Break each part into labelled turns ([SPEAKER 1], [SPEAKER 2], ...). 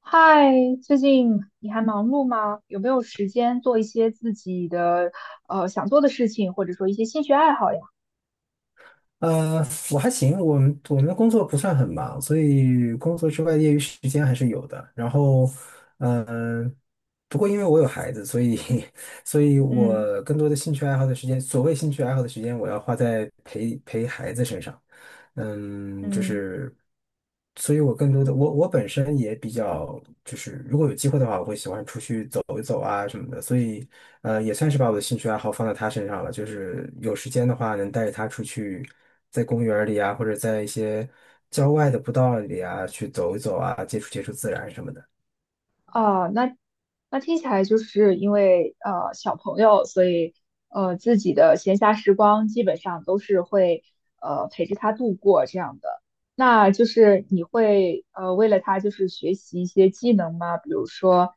[SPEAKER 1] 嗨，最近你还忙碌吗？有没有时间做一些自己的想做的事情，或者说一些兴趣爱好呀？
[SPEAKER 2] 呃，我还行，我们的工作不算很忙，所以工作之外业余时间还是有的。然后，嗯、不过因为我有孩子，所以 所以
[SPEAKER 1] 嗯
[SPEAKER 2] 我更多的兴趣爱好的时间，所谓兴趣爱好的时间，我要花在陪陪孩子身上。嗯，就
[SPEAKER 1] 嗯。
[SPEAKER 2] 是，所以我更多的我本身也比较就是，如果有机会的话，我会喜欢出去走一走啊什么的，所以也算是把我的兴趣爱好放在他身上了，就是有时间的话能带着他出去，在公园儿里啊，或者在一些郊外的步道里啊去走一走啊，接触接触自然什么的
[SPEAKER 1] 哦，那听起来就是因为小朋友，所以自己的闲暇时光基本上都是会陪着他度过这样的。那就是你会为了他就是学习一些技能吗？比如说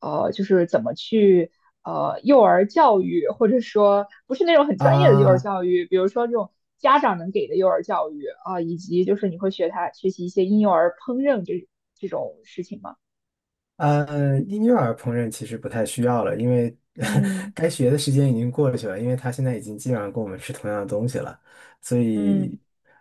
[SPEAKER 1] 就是怎么去幼儿教育，或者说不是那种很专业的幼儿
[SPEAKER 2] 啊。
[SPEAKER 1] 教育，比如说这种家长能给的幼儿教育啊，以及就是你会学他学习一些婴幼儿烹饪这种事情吗？
[SPEAKER 2] 婴幼儿烹饪其实不太需要了，因为
[SPEAKER 1] 嗯。
[SPEAKER 2] 该学的时间已经过去了，因为他现在已经基本上跟我们吃同样的东西了，所
[SPEAKER 1] 嗯
[SPEAKER 2] 以，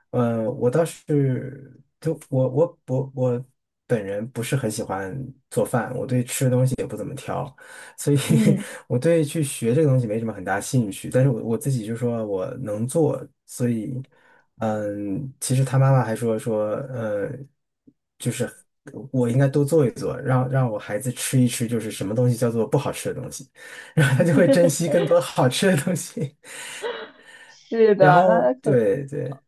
[SPEAKER 2] 我倒是就我本人不是很喜欢做饭，我对吃的东西也不怎么挑，所以
[SPEAKER 1] 嗯，
[SPEAKER 2] 我对去学这个东西没什么很大兴趣。但是我自己就说我能做，所以。嗯，其实他妈妈还说，就是我应该多做一做，让我孩子吃一吃，就是什么东西叫做不好吃的东西，然后他就会珍惜更多好吃的东西。
[SPEAKER 1] 是
[SPEAKER 2] 然
[SPEAKER 1] 的，那
[SPEAKER 2] 后，
[SPEAKER 1] 那可
[SPEAKER 2] 对对，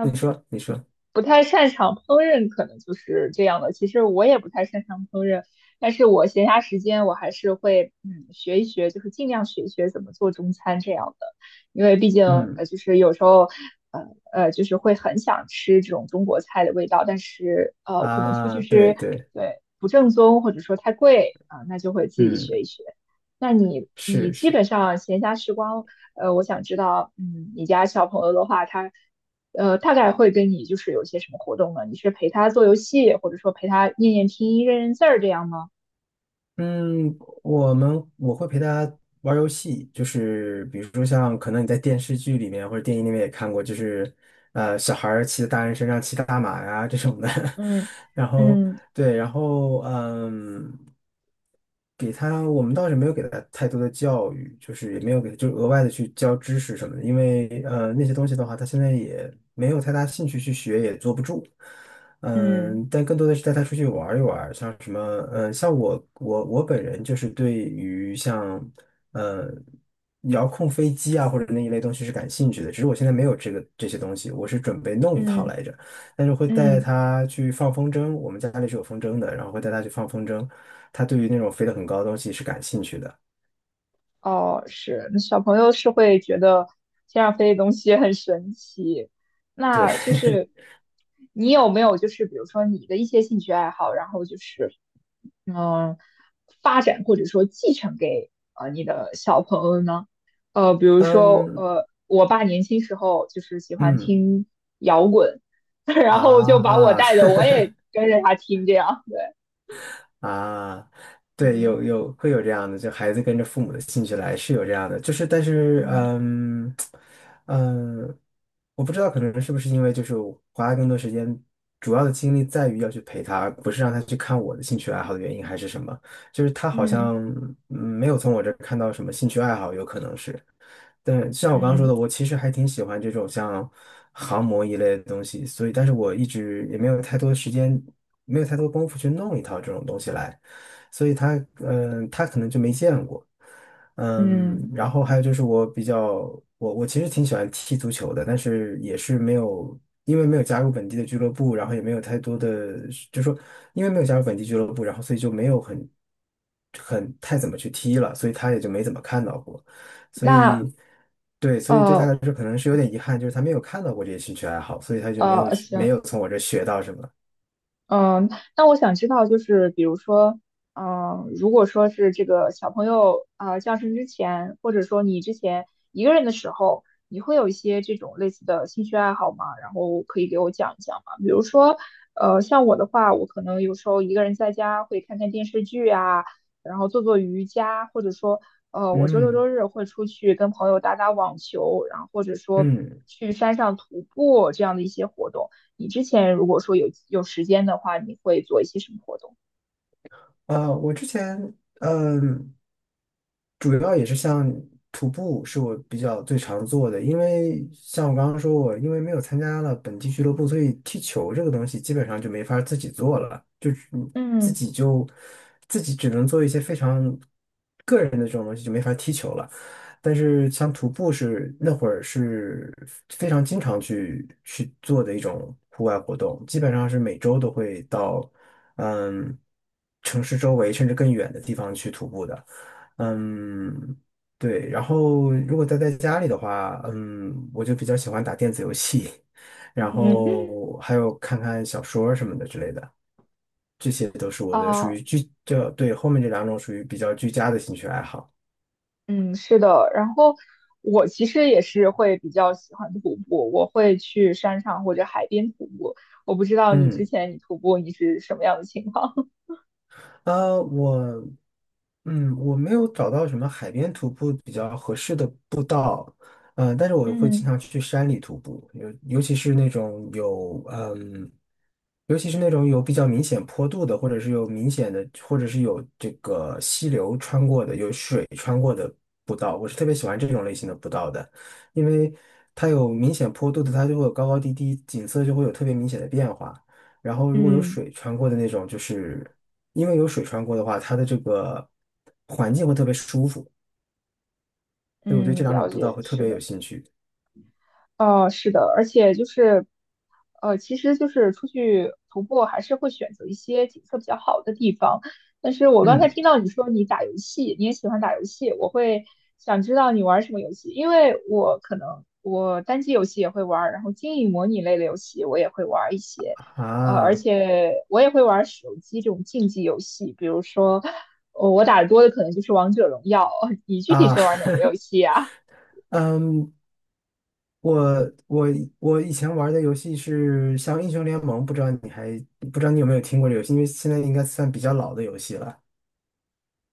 [SPEAKER 2] 你说你说，
[SPEAKER 1] 不太擅长烹饪，可能就是这样的。其实我也不太擅长烹饪，但是我闲暇时间我还是会嗯学一学，就是尽量学一学怎么做中餐这样的，因为毕竟
[SPEAKER 2] 嗯
[SPEAKER 1] 就是有时候呃就是会很想吃这种中国菜的味道，但是可能出
[SPEAKER 2] 啊，
[SPEAKER 1] 去
[SPEAKER 2] 对
[SPEAKER 1] 吃
[SPEAKER 2] 对，
[SPEAKER 1] 对不正宗或者说太贵啊、那就会自己学
[SPEAKER 2] 嗯，
[SPEAKER 1] 一学。那你你
[SPEAKER 2] 是
[SPEAKER 1] 基
[SPEAKER 2] 是。
[SPEAKER 1] 本上闲暇时光，呃，我想知道，嗯，你家小朋友的话，他呃，大概会跟你就是有些什么活动呢？你是陪他做游戏，或者说陪他念念拼音、认认字儿这样吗？
[SPEAKER 2] 嗯，我们我会陪他玩儿游戏，就是比如说像可能你在电视剧里面或者电影里面也看过，就是小孩儿骑在大人身上骑大马呀这种的，
[SPEAKER 1] 嗯
[SPEAKER 2] 然后
[SPEAKER 1] 嗯
[SPEAKER 2] 对，然后嗯，给他我们倒是没有给他太多的教育，就是也没有给就额外的去教知识什么的，因为那些东西的话，他现在也没有太大兴趣去学，也坐不住。
[SPEAKER 1] 嗯
[SPEAKER 2] 嗯，但更多的是带他出去玩儿一玩儿像什么，嗯，像我本人就是对于像，呃，遥控飞机啊或者那一类东西是感兴趣的，只是我现在没有这个这些东西，我是准备弄一套
[SPEAKER 1] 嗯
[SPEAKER 2] 来着，但是会带
[SPEAKER 1] 嗯。
[SPEAKER 2] 他去放风筝，我们家里是有风筝的，然后会带他去放风筝，他对于那种飞得很高的东西是感兴趣的，
[SPEAKER 1] 哦，是，那小朋友是会觉得天上飞的东西很神奇。
[SPEAKER 2] 对，
[SPEAKER 1] 那就是 你有没有就是比如说你的一些兴趣爱好，然后就是嗯发展或者说继承给你的小朋友呢？呃，比如说
[SPEAKER 2] 嗯
[SPEAKER 1] 呃，我爸年轻时候就是喜欢
[SPEAKER 2] 嗯
[SPEAKER 1] 听摇滚，然后就把我
[SPEAKER 2] 啊，
[SPEAKER 1] 带着，我 也跟着他听这样，对。
[SPEAKER 2] 啊，对，
[SPEAKER 1] 嗯
[SPEAKER 2] 有会有这样的，就孩子跟着父母的兴趣来，是有这样的，就是但是，
[SPEAKER 1] 嗯
[SPEAKER 2] 嗯嗯，我不知道可能是不是因为就是我花更多时间，主要的精力在于要去陪他，而不是让他去看我的兴趣爱好的原因，还是什么？就是他好
[SPEAKER 1] 嗯
[SPEAKER 2] 像没有从我这儿看到什么兴趣爱好，有可能是。但像我刚刚说
[SPEAKER 1] 嗯
[SPEAKER 2] 的，我其实还挺喜欢这种像航模一类的东西，所以但是我一直也没有太多时间没有太多功夫去弄一套这种东西来，所以他他可能就没见过，嗯，
[SPEAKER 1] 嗯，
[SPEAKER 2] 然后还有就是我比较我其实挺喜欢踢足球的，但是也是没有因为没有加入本地的俱乐部，然后也没有太多的就是说因为没有加入本地俱乐部，然后所以就没有很很太怎么去踢了，所以他也就没怎么看到过，所以。
[SPEAKER 1] 那
[SPEAKER 2] 对，所以对他
[SPEAKER 1] 呃，
[SPEAKER 2] 来说可能是有点遗憾，就是他没有看到过这些兴趣爱好，所以他就没有
[SPEAKER 1] 呃，
[SPEAKER 2] 没
[SPEAKER 1] 行，
[SPEAKER 2] 有从我这学到什么。
[SPEAKER 1] 嗯，那我想知道，就是比如说，嗯，如果说是这个小朋友啊，降生之前，或者说你之前一个人的时候，你会有一些这种类似的兴趣爱好吗？然后可以给我讲一讲吗？比如说，呃，像我的话，我可能有时候一个人在家会看看电视剧啊，然后做做瑜伽，或者说，呃，我周六
[SPEAKER 2] 嗯。
[SPEAKER 1] 周日会出去跟朋友打打网球，然后或者说
[SPEAKER 2] 嗯，
[SPEAKER 1] 去山上徒步这样的一些活动。你之前如果说有时间的话，你会做一些什么活动？
[SPEAKER 2] 呃，我之前嗯、主要也是像徒步是我比较最常做的，因为像我刚刚说过我因为没有参加了本地俱乐部，所以踢球这个东西基本上就没法儿自己做了，就是你自
[SPEAKER 1] 嗯
[SPEAKER 2] 己就自己只能做一些非常个人的这种东西，就没法儿踢球了。但是像徒步是那会儿是非常经常去做的一种户外活动，基本上是每周都会到嗯城市周围甚至更远的地方去徒步的。嗯，对。然后如果待在家里的话，嗯，我就比较喜欢打电子游戏，然
[SPEAKER 1] 嗯
[SPEAKER 2] 后还有看看小说儿什么的之类的，这些都是我的属
[SPEAKER 1] 啊，
[SPEAKER 2] 于居，这，对，后面这两种属于比较居家的兴趣爱好。
[SPEAKER 1] 嗯，是的。然后我其实也是会比较喜欢徒步，我会去山上或者海边徒步。我不知道你之
[SPEAKER 2] 嗯。
[SPEAKER 1] 前你徒步你是什么样的情况？
[SPEAKER 2] 我，嗯，我没有找到什么海边徒步比较合适的步道，呃，但是 我会经
[SPEAKER 1] 嗯
[SPEAKER 2] 常去山里徒步，尤其是那种有，嗯，尤其是那种有比较明显坡度的，或者是有明显的，或者是有这个溪流穿过的，有水穿过的步道，我是特别喜欢这种类型的步道的，因为它有明显坡度的，它就会有高高低低，景色就会有特别明显的变化。然后如果有
[SPEAKER 1] 嗯，
[SPEAKER 2] 水穿过的那种，就是因为有水穿过的话，它的这个环境会特别舒服，所以我对
[SPEAKER 1] 嗯，
[SPEAKER 2] 这两
[SPEAKER 1] 了
[SPEAKER 2] 种步道
[SPEAKER 1] 解，
[SPEAKER 2] 会特
[SPEAKER 1] 是
[SPEAKER 2] 别
[SPEAKER 1] 的。
[SPEAKER 2] 有兴趣。
[SPEAKER 1] 呃，是的，而且就是，呃，其实就是出去徒步还是会选择一些景色比较好的地方。但是我刚才
[SPEAKER 2] 嗯
[SPEAKER 1] 听到你说你打游戏，你也喜欢打游戏，我会想知道你玩什么游戏，因为我可能我单机游戏也会玩然后经营模拟类的游戏我也会玩一些，呃，而
[SPEAKER 2] 啊
[SPEAKER 1] 且我也会玩手机这种竞技游戏，比如说，我打的多的可能就是王者荣耀。你具体
[SPEAKER 2] 啊，
[SPEAKER 1] 是玩哪个游戏啊？
[SPEAKER 2] 嗯，我我我以前玩的游戏是像英雄联盟，不知道你还不知道你有没有听过这个游戏，因为现在应该算比较老的游戏了。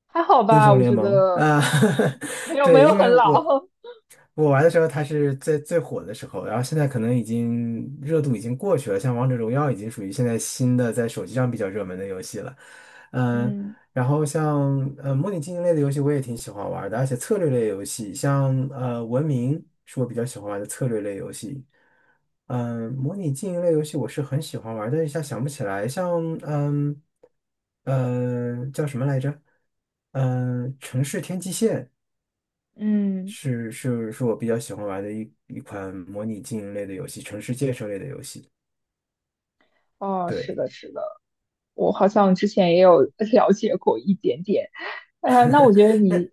[SPEAKER 1] 还好
[SPEAKER 2] 英
[SPEAKER 1] 吧，
[SPEAKER 2] 雄
[SPEAKER 1] 我
[SPEAKER 2] 联
[SPEAKER 1] 觉
[SPEAKER 2] 盟
[SPEAKER 1] 得
[SPEAKER 2] 啊，
[SPEAKER 1] 没有没 有没
[SPEAKER 2] 对，
[SPEAKER 1] 有
[SPEAKER 2] 因
[SPEAKER 1] 很
[SPEAKER 2] 为我
[SPEAKER 1] 老。
[SPEAKER 2] 我玩的时候它是最最火的时候，然后现在可能已经热度已经过去了，像王者荣耀已经属于现在新的在手机上比较热门的游戏了，嗯、
[SPEAKER 1] 嗯
[SPEAKER 2] 然后像模拟经营类的游戏我也挺喜欢玩的，而且策略类游戏，像文明是我比较喜欢玩的策略类游戏。嗯，模拟经营类游戏我是很喜欢玩，但一下想不起来。像嗯叫什么来着？嗯，城市天际线
[SPEAKER 1] 嗯，
[SPEAKER 2] 是我比较喜欢玩的一款模拟经营类的游戏，城市建设类的游戏。
[SPEAKER 1] 哦，是
[SPEAKER 2] 对，
[SPEAKER 1] 的，是的。我好像之前也有 了解过一点点。呃，那我觉得
[SPEAKER 2] 那
[SPEAKER 1] 你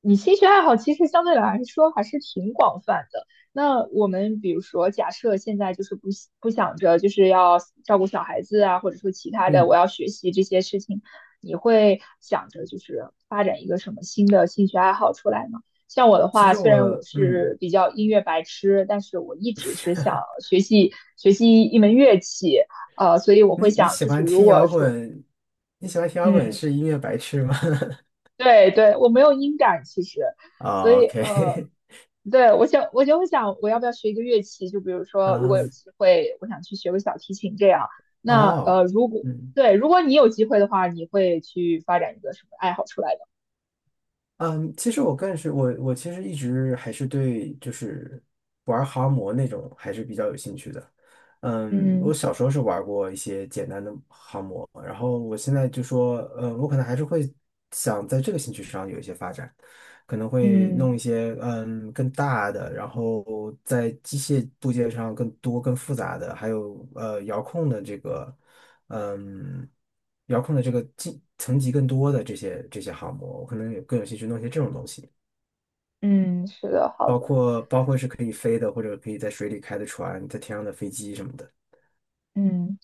[SPEAKER 1] 你兴趣爱好其实相对来说还是挺广泛的。那我们比如说，假设现在就是不喜不想着就是要照顾小孩子啊，或者说其他的，我
[SPEAKER 2] 嗯，
[SPEAKER 1] 要学习这些事情，你会想着就是发展一个什么新的兴趣爱好出来吗？像我的
[SPEAKER 2] 其
[SPEAKER 1] 话，
[SPEAKER 2] 实
[SPEAKER 1] 虽然我
[SPEAKER 2] 我嗯。
[SPEAKER 1] 是比较音乐白痴，但是我一直是想学习学习一门乐器。呃，所以我会
[SPEAKER 2] 你你
[SPEAKER 1] 想，
[SPEAKER 2] 喜
[SPEAKER 1] 就是
[SPEAKER 2] 欢
[SPEAKER 1] 如
[SPEAKER 2] 听
[SPEAKER 1] 果
[SPEAKER 2] 摇
[SPEAKER 1] 说，
[SPEAKER 2] 滚？你喜欢听摇滚
[SPEAKER 1] 嗯，
[SPEAKER 2] 是音乐白痴吗？
[SPEAKER 1] 对对，我没有音感其实，所
[SPEAKER 2] 哦
[SPEAKER 1] 以，
[SPEAKER 2] ，OK,
[SPEAKER 1] 对我想我就会想，我要不要学一个乐器？就比如 说，如
[SPEAKER 2] 啊，
[SPEAKER 1] 果有机会，我想去学个小提琴这样。那
[SPEAKER 2] 哦，
[SPEAKER 1] 呃，如果
[SPEAKER 2] 嗯，
[SPEAKER 1] 对，如果你有机会的话，你会去发展一个什么爱好出来的？
[SPEAKER 2] 嗯，其实我更是我其实一直还是对就是玩航模那种还是比较有兴趣的。嗯，我
[SPEAKER 1] 嗯
[SPEAKER 2] 小时候是玩过一些简单的航模，然后我现在就说，嗯，我可能还是会想在这个兴趣上有一些发展，可能会弄一
[SPEAKER 1] 嗯
[SPEAKER 2] 些更大的，然后在机械部件上更多、更复杂的，还有遥控的这个。嗯，遥控的这个进层级更多的这些航模，我可能有更有兴趣弄一些这种东西，
[SPEAKER 1] 嗯是的，好
[SPEAKER 2] 包
[SPEAKER 1] 的，
[SPEAKER 2] 括包括是可以飞的，或者可以在水里开的船，在天上的飞机什么的。
[SPEAKER 1] 嗯，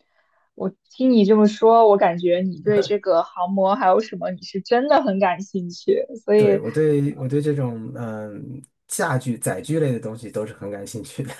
[SPEAKER 1] 我听你这么说，我感觉你对这个航模还有什么，你是真的很感兴趣，所
[SPEAKER 2] 对，
[SPEAKER 1] 以
[SPEAKER 2] 我对这种驾具载具类的东西都是很感兴趣的。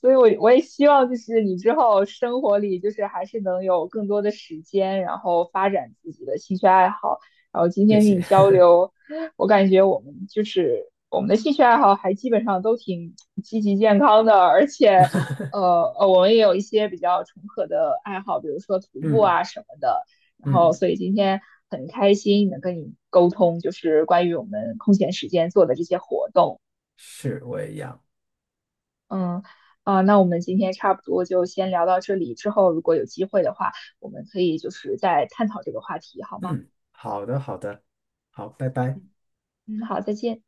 [SPEAKER 1] 所以我，我也希望就是你之后生活里就是还是能有更多的时间，然后发展自己的兴趣爱好。然后今
[SPEAKER 2] 谢
[SPEAKER 1] 天跟你
[SPEAKER 2] 谢。
[SPEAKER 1] 交流，我感觉我们就是我们的兴趣爱好还基本上都挺积极健康的，而且 呃，我们也有一些比较重合的爱好，比如说徒步
[SPEAKER 2] 嗯
[SPEAKER 1] 啊什么的。然后，
[SPEAKER 2] 嗯，
[SPEAKER 1] 所以今天很开心能跟你沟通，就是关于我们空闲时间做的这些活动。
[SPEAKER 2] 是我也一样。
[SPEAKER 1] 嗯，啊，那我们今天差不多就先聊到这里，之后如果有机会的话，我们可以就是再探讨这个话题，好吗？
[SPEAKER 2] 嗯，好的好的，好，拜拜。
[SPEAKER 1] 嗯，好，再见。